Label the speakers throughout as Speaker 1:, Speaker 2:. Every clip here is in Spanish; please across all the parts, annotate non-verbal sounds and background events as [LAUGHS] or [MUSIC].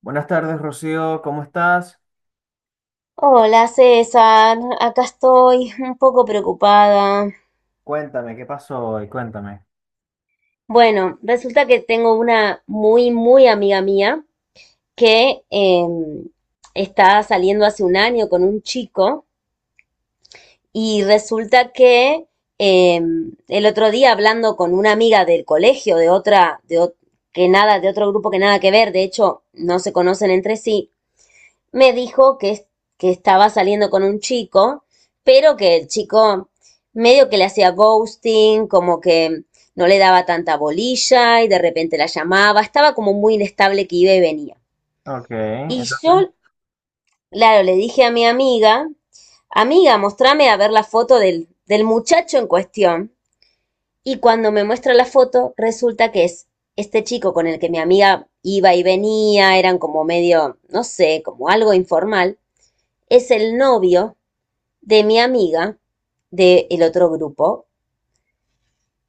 Speaker 1: Buenas tardes, Rocío, ¿cómo estás?
Speaker 2: Hola César, acá estoy un poco preocupada.
Speaker 1: Cuéntame, ¿qué pasó hoy? Cuéntame.
Speaker 2: Bueno, resulta que tengo una muy, muy amiga mía que está saliendo hace un año con un chico y resulta que el otro día hablando con una amiga del colegio, de otra, que nada, de otro grupo que nada que ver, de hecho no se conocen entre sí, me dijo que, que estaba saliendo con un chico, pero que el chico medio que le hacía ghosting, como que no le daba tanta bolilla y de repente la llamaba, estaba como muy inestable que iba y venía.
Speaker 1: Ok,
Speaker 2: Y
Speaker 1: entonces,
Speaker 2: yo, claro, le dije a mi amiga, amiga, mostrame a ver la foto del muchacho en cuestión. Y cuando me muestra la foto, resulta que es este chico con el que mi amiga iba y venía, eran como medio, no sé, como algo informal, es el novio de mi amiga del otro grupo.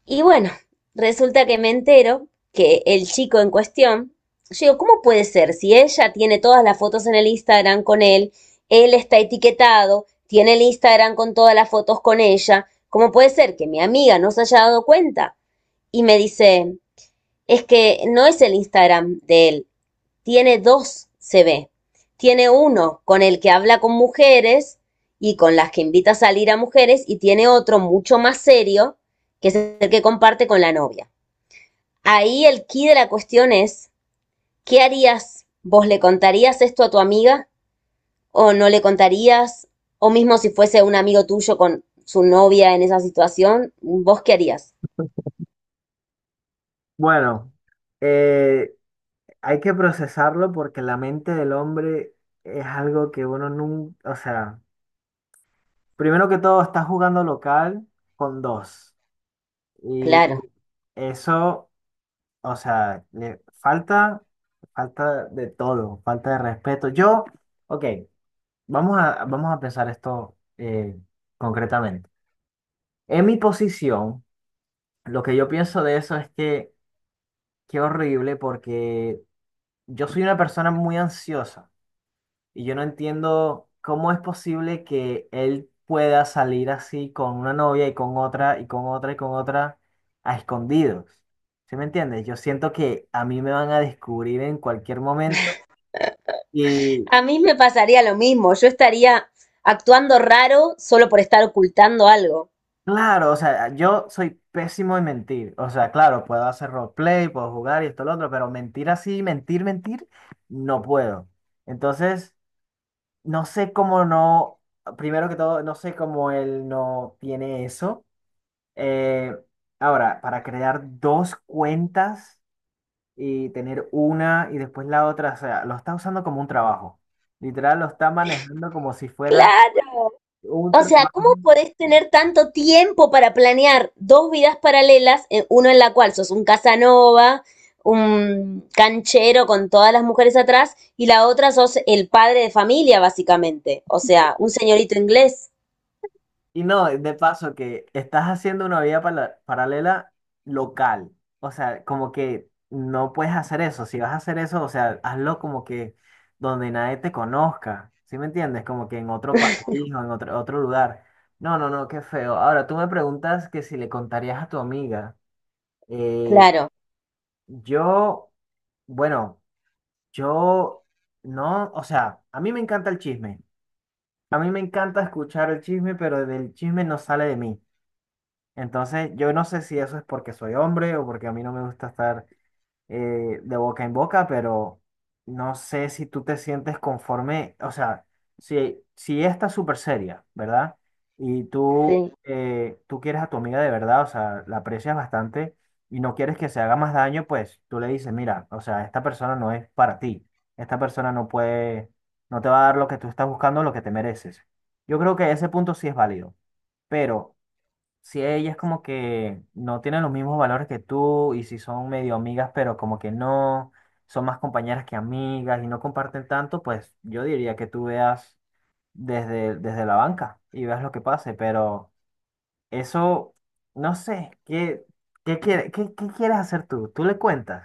Speaker 2: Y bueno, resulta que me entero que el chico en cuestión, yo digo, ¿cómo puede ser? Si ella tiene todas las fotos en el Instagram con él, él está etiquetado, tiene el Instagram con todas las fotos con ella, ¿cómo puede ser que mi amiga no se haya dado cuenta? Y me dice, es que no es el Instagram de él, tiene dos, se ve. Tiene uno con el que habla con mujeres y con las que invita a salir a mujeres y tiene otro mucho más serio, que es el que comparte con la novia. Ahí el key de la cuestión es, ¿qué harías? ¿Vos le contarías esto a tu amiga o no le contarías? O mismo si fuese un amigo tuyo con su novia en esa situación, ¿vos qué harías?
Speaker 1: bueno, eh, hay que procesarlo porque la mente del hombre es algo que uno nunca, o sea, primero que todo, está jugando local con dos. Y
Speaker 2: Claro.
Speaker 1: eso, o sea, le falta, falta de todo, falta de respeto. Yo, ok, vamos a pensar esto concretamente. En mi posición. Lo que yo pienso de eso es que qué horrible porque yo soy una persona muy ansiosa y yo no entiendo cómo es posible que él pueda salir así con una novia y con otra y con otra y con otra a escondidos. ¿Sí me entiendes? Yo siento que a mí me van a descubrir en cualquier momento y
Speaker 2: A mí me pasaría lo mismo, yo estaría actuando raro solo por estar ocultando algo.
Speaker 1: claro, o sea, yo soy pésimo en mentir. O sea, claro, puedo hacer roleplay, puedo jugar y esto lo otro, pero mentir así, mentir, mentir, no puedo. Entonces... No sé cómo no, primero que todo, no sé cómo él no tiene eso. Eh, Ahora, para crear dos cuentas y tener una y después la otra, o sea, lo está usando como un trabajo. Literal, lo está manejando como si fuera
Speaker 2: Claro.
Speaker 1: un
Speaker 2: O sea,
Speaker 1: trabajo.
Speaker 2: ¿cómo podés tener tanto tiempo para planear dos vidas paralelas, uno en la cual sos un Casanova, un canchero con todas las mujeres atrás, y la otra sos el padre de familia, básicamente? O sea, un señorito inglés.
Speaker 1: Y no, de paso que estás haciendo una vida paralela local. O sea, como que no puedes hacer eso. Si vas a hacer eso, o sea, hazlo como que donde nadie te conozca. ¿Sí me entiendes? Como que en otro país o en otro lugar. No, no, no, qué feo. Ahora, tú me preguntas que si le contarías a tu amiga. Eh,
Speaker 2: Claro,
Speaker 1: yo, bueno, yo no, o sea, a mí me encanta el chisme. A mí me encanta escuchar el chisme, pero del chisme no sale de mí. Entonces, yo no sé si eso es porque soy hombre o porque a mí no me gusta estar de boca en boca, pero no sé si tú te sientes conforme, o sea, si ella está súper seria, ¿verdad? Y tú,
Speaker 2: sí.
Speaker 1: tú quieres a tu amiga de verdad, o sea, la aprecias bastante y no quieres que se haga más daño, pues tú le dices, mira, o sea, esta persona no es para ti, esta persona no puede, no te va a dar lo que tú estás buscando, lo que te mereces. Yo creo que ese punto sí es válido, pero si ellas como que no tienen los mismos valores que tú y si son medio amigas, pero como que no, son más compañeras que amigas y no comparten tanto, pues yo diría que tú veas desde la banca y veas lo que pase, pero eso, no sé, ¿ qué quieres hacer tú? Tú le cuentas.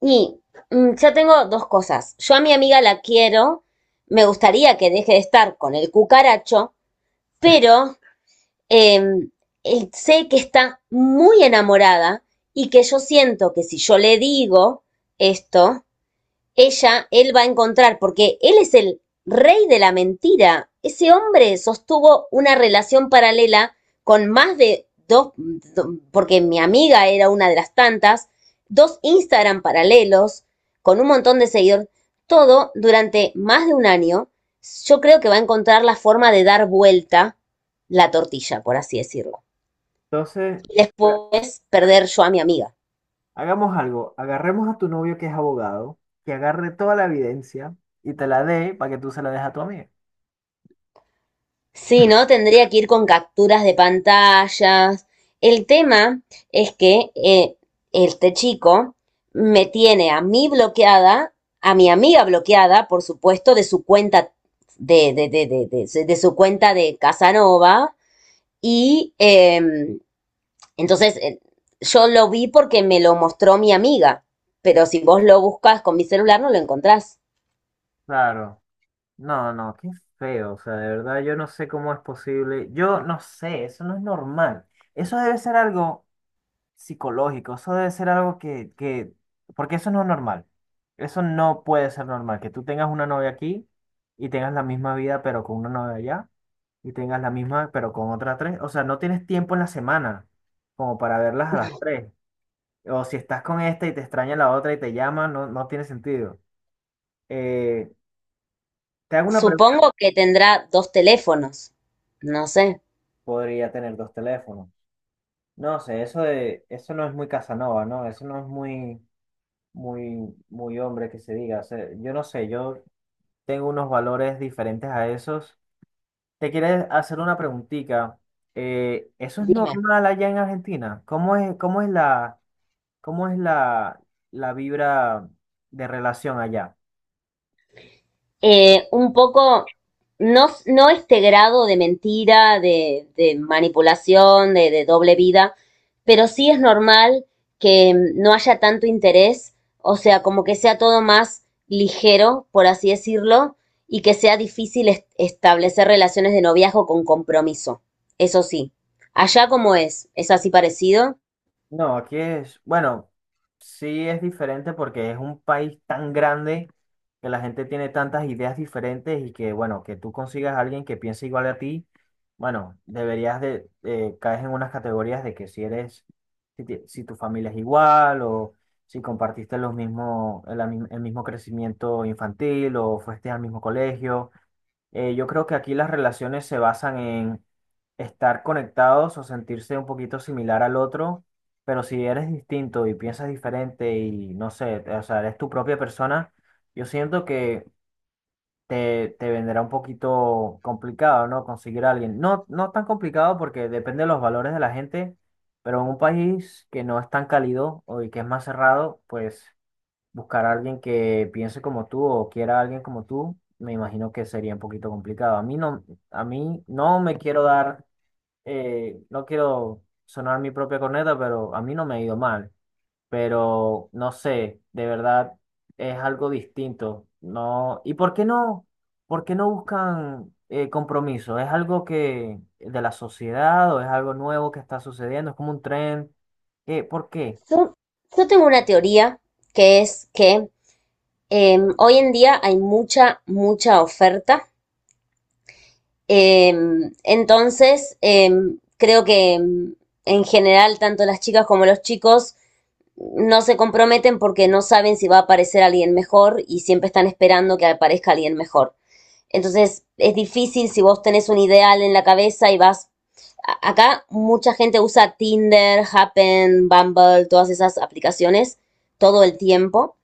Speaker 2: Y yo tengo dos cosas. Yo a mi amiga la quiero, me gustaría que deje de estar con el cucaracho, pero eh, sé que está muy enamorada y que yo siento que si yo le digo esto, ella, él va a encontrar, porque él es el rey de la mentira. Ese hombre sostuvo una relación paralela con más de dos, porque mi amiga era una de las tantas, dos Instagram paralelos, con un montón de seguidores, todo durante más de un año. Yo creo que va a encontrar la forma de dar vuelta la tortilla, por así decirlo.
Speaker 1: Entonces,
Speaker 2: Y
Speaker 1: claro,
Speaker 2: después perder yo a mi amiga.
Speaker 1: hagamos algo, agarremos a tu novio que es abogado, que agarre toda la evidencia y te la dé para que tú se la des a tu amiga.
Speaker 2: Sí, ¿no? Tendría que ir con capturas de pantallas. El tema es que este chico me tiene a mí bloqueada, a mi amiga bloqueada, por supuesto, de su cuenta de su cuenta de Casanova. Y entonces eh, yo lo vi porque me lo mostró mi amiga. Pero si vos lo buscas con mi celular, no lo encontrás.
Speaker 1: Claro. No, no, qué feo, o sea, de verdad yo no sé cómo es posible, yo no sé, eso no es normal, eso debe ser algo psicológico, eso debe ser algo porque eso no es normal, eso no puede ser normal, que tú tengas una novia aquí y tengas la misma vida pero con una novia allá y tengas la misma pero con otra tres, o sea, no tienes tiempo en la semana como para verlas a las tres, o si estás con esta y te extraña la otra y te llama, no, no tiene sentido. Eh, te hago una pregunta,
Speaker 2: Supongo que tendrá dos teléfonos. No sé.
Speaker 1: podría tener dos teléfonos. No sé, eso no es muy Casanova, ¿no? Eso no es muy, muy, muy hombre que se diga. O sea, yo no sé, yo tengo unos valores diferentes a esos. Te quieres hacer una preguntita. ¿Eso es
Speaker 2: Dime.
Speaker 1: normal allá en Argentina? ¿Cómo es cómo es la, la vibra de relación allá?
Speaker 2: Un poco, no, no este grado de mentira, de manipulación, de doble vida, pero sí es normal que no haya tanto interés, o sea, como que sea todo más ligero, por así decirlo, y que sea difícil establecer relaciones de noviazgo con compromiso. Eso sí. Allá como es así parecido.
Speaker 1: No, aquí es, bueno, sí es diferente porque es un país tan grande que la gente tiene tantas ideas diferentes y que, bueno, que tú consigas a alguien que piense igual a ti, bueno, deberías de, caes en unas categorías de que si eres, si tu familia es igual o si compartiste los mismo, el mismo crecimiento infantil o fuiste al mismo colegio. Yo creo que aquí las relaciones se basan en estar conectados o sentirse un poquito similar al otro, pero si eres distinto y piensas diferente y no sé, o sea, eres tu propia persona, yo siento que te vendrá un poquito complicado, ¿no? Conseguir a alguien. No, no tan complicado porque depende de los valores de la gente, pero en un país que no es tan cálido o y que es más cerrado, pues buscar a alguien que piense como tú o quiera a alguien como tú, me imagino que sería un poquito complicado. A mí no me quiero dar, no quiero sonar mi propia corneta, pero a mí no me ha ido mal. Pero no sé, de verdad es algo distinto. No, ¿y por qué no? ¿Por qué no buscan compromiso? ¿Es algo que de la sociedad o es algo nuevo que está sucediendo? ¿Es como un tren? ¿Qué? ¿Por qué?
Speaker 2: Yo, yo tengo una teoría que es que hoy en día hay mucha, mucha oferta. Eh, entonces, eh, creo que en general, tanto las chicas como los chicos no se comprometen porque no saben si va a aparecer alguien mejor y siempre están esperando que aparezca alguien mejor. Entonces es difícil si vos tenés un ideal en la cabeza y vas... Acá mucha gente usa Tinder, Happen, Bumble, todas esas aplicaciones todo el tiempo.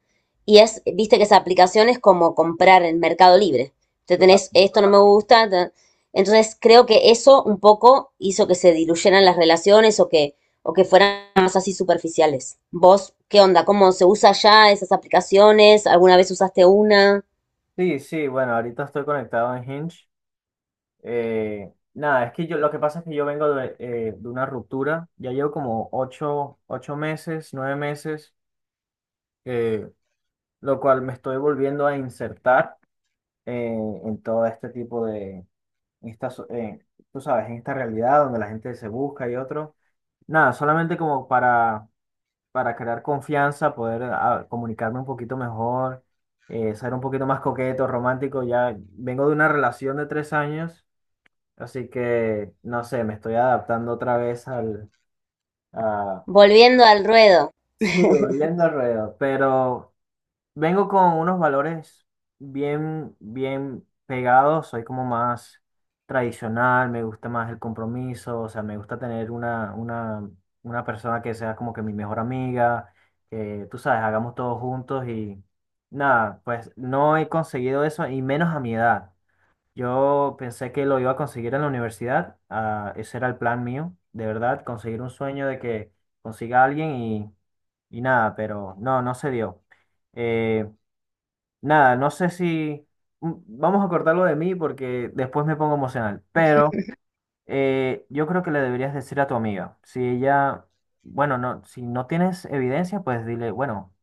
Speaker 2: Y es, viste que esa aplicación es como comprar en Mercado Libre. Te tenés,
Speaker 1: Claro.
Speaker 2: esto no me gusta. Entonces creo que eso un poco hizo que se diluyeran las relaciones o que fueran más así superficiales. ¿Vos qué onda? ¿Cómo se usa ya esas aplicaciones? ¿Alguna vez usaste una?
Speaker 1: Sí, sí, bueno, ahorita estoy conectado en Hinge. Nada, es que yo lo que pasa es que yo vengo de una ruptura. Ya llevo como ocho meses, nueve meses, eh, lo cual me estoy volviendo a insertar eh, en todo este tipo de, en esta tú sabes, en esta realidad donde la gente se busca y otro. Nada, solamente como para crear confianza, poder ah, comunicarme un poquito mejor, ser un poquito más coqueto, romántico. Ya vengo de una relación de tres años. Así que, no sé, me estoy adaptando otra vez al, a,
Speaker 2: Volviendo al ruedo.
Speaker 1: [LAUGHS] sí, volviendo al ruedo, pero vengo con unos valores bien, bien pegados, soy como más tradicional, me gusta más el compromiso, o sea, me gusta tener una persona que sea como que mi mejor amiga, que tú sabes, hagamos todos juntos y nada, pues no he conseguido eso y menos a mi edad. Yo pensé que lo iba a conseguir en la universidad, ah, ese era el plan mío, de verdad, conseguir un sueño de que consiga a alguien y nada, pero no, no se dio. Eh, nada, no sé si mm, vamos a cortarlo de mí porque después me pongo emocional, pero yo creo que le deberías decir a tu amiga, si ella, bueno, no, si no tienes evidencia, pues dile, bueno,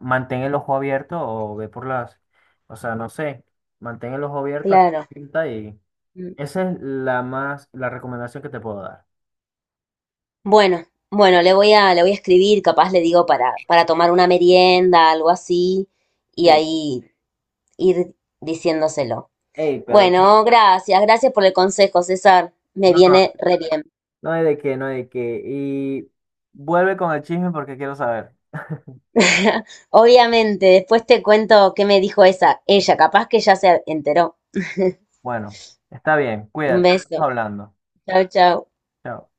Speaker 1: mantén el ojo abierto o ve por las, o sea, no sé, mantén el ojo abierto,
Speaker 2: Claro.
Speaker 1: escucha y...
Speaker 2: Mm.
Speaker 1: Esa es la más, la recomendación que te puedo dar.
Speaker 2: Bueno, bueno, le voy a escribir, capaz le digo para tomar una merienda, algo así, y
Speaker 1: Sí.
Speaker 2: ahí ir diciéndoselo.
Speaker 1: Ey, pero
Speaker 2: Bueno, gracias, gracias por el consejo, César. Me
Speaker 1: no, no,
Speaker 2: viene re bien.
Speaker 1: no hay de qué, no hay de qué. Y vuelve con el chisme porque quiero saber.
Speaker 2: [LAUGHS] Obviamente, después te cuento qué me dijo esa, ella, capaz que ya se enteró. [LAUGHS]
Speaker 1: Bueno, está bien,
Speaker 2: Un
Speaker 1: cuídate,
Speaker 2: beso.
Speaker 1: estamos hablando.
Speaker 2: Chao, chao.
Speaker 1: Chao.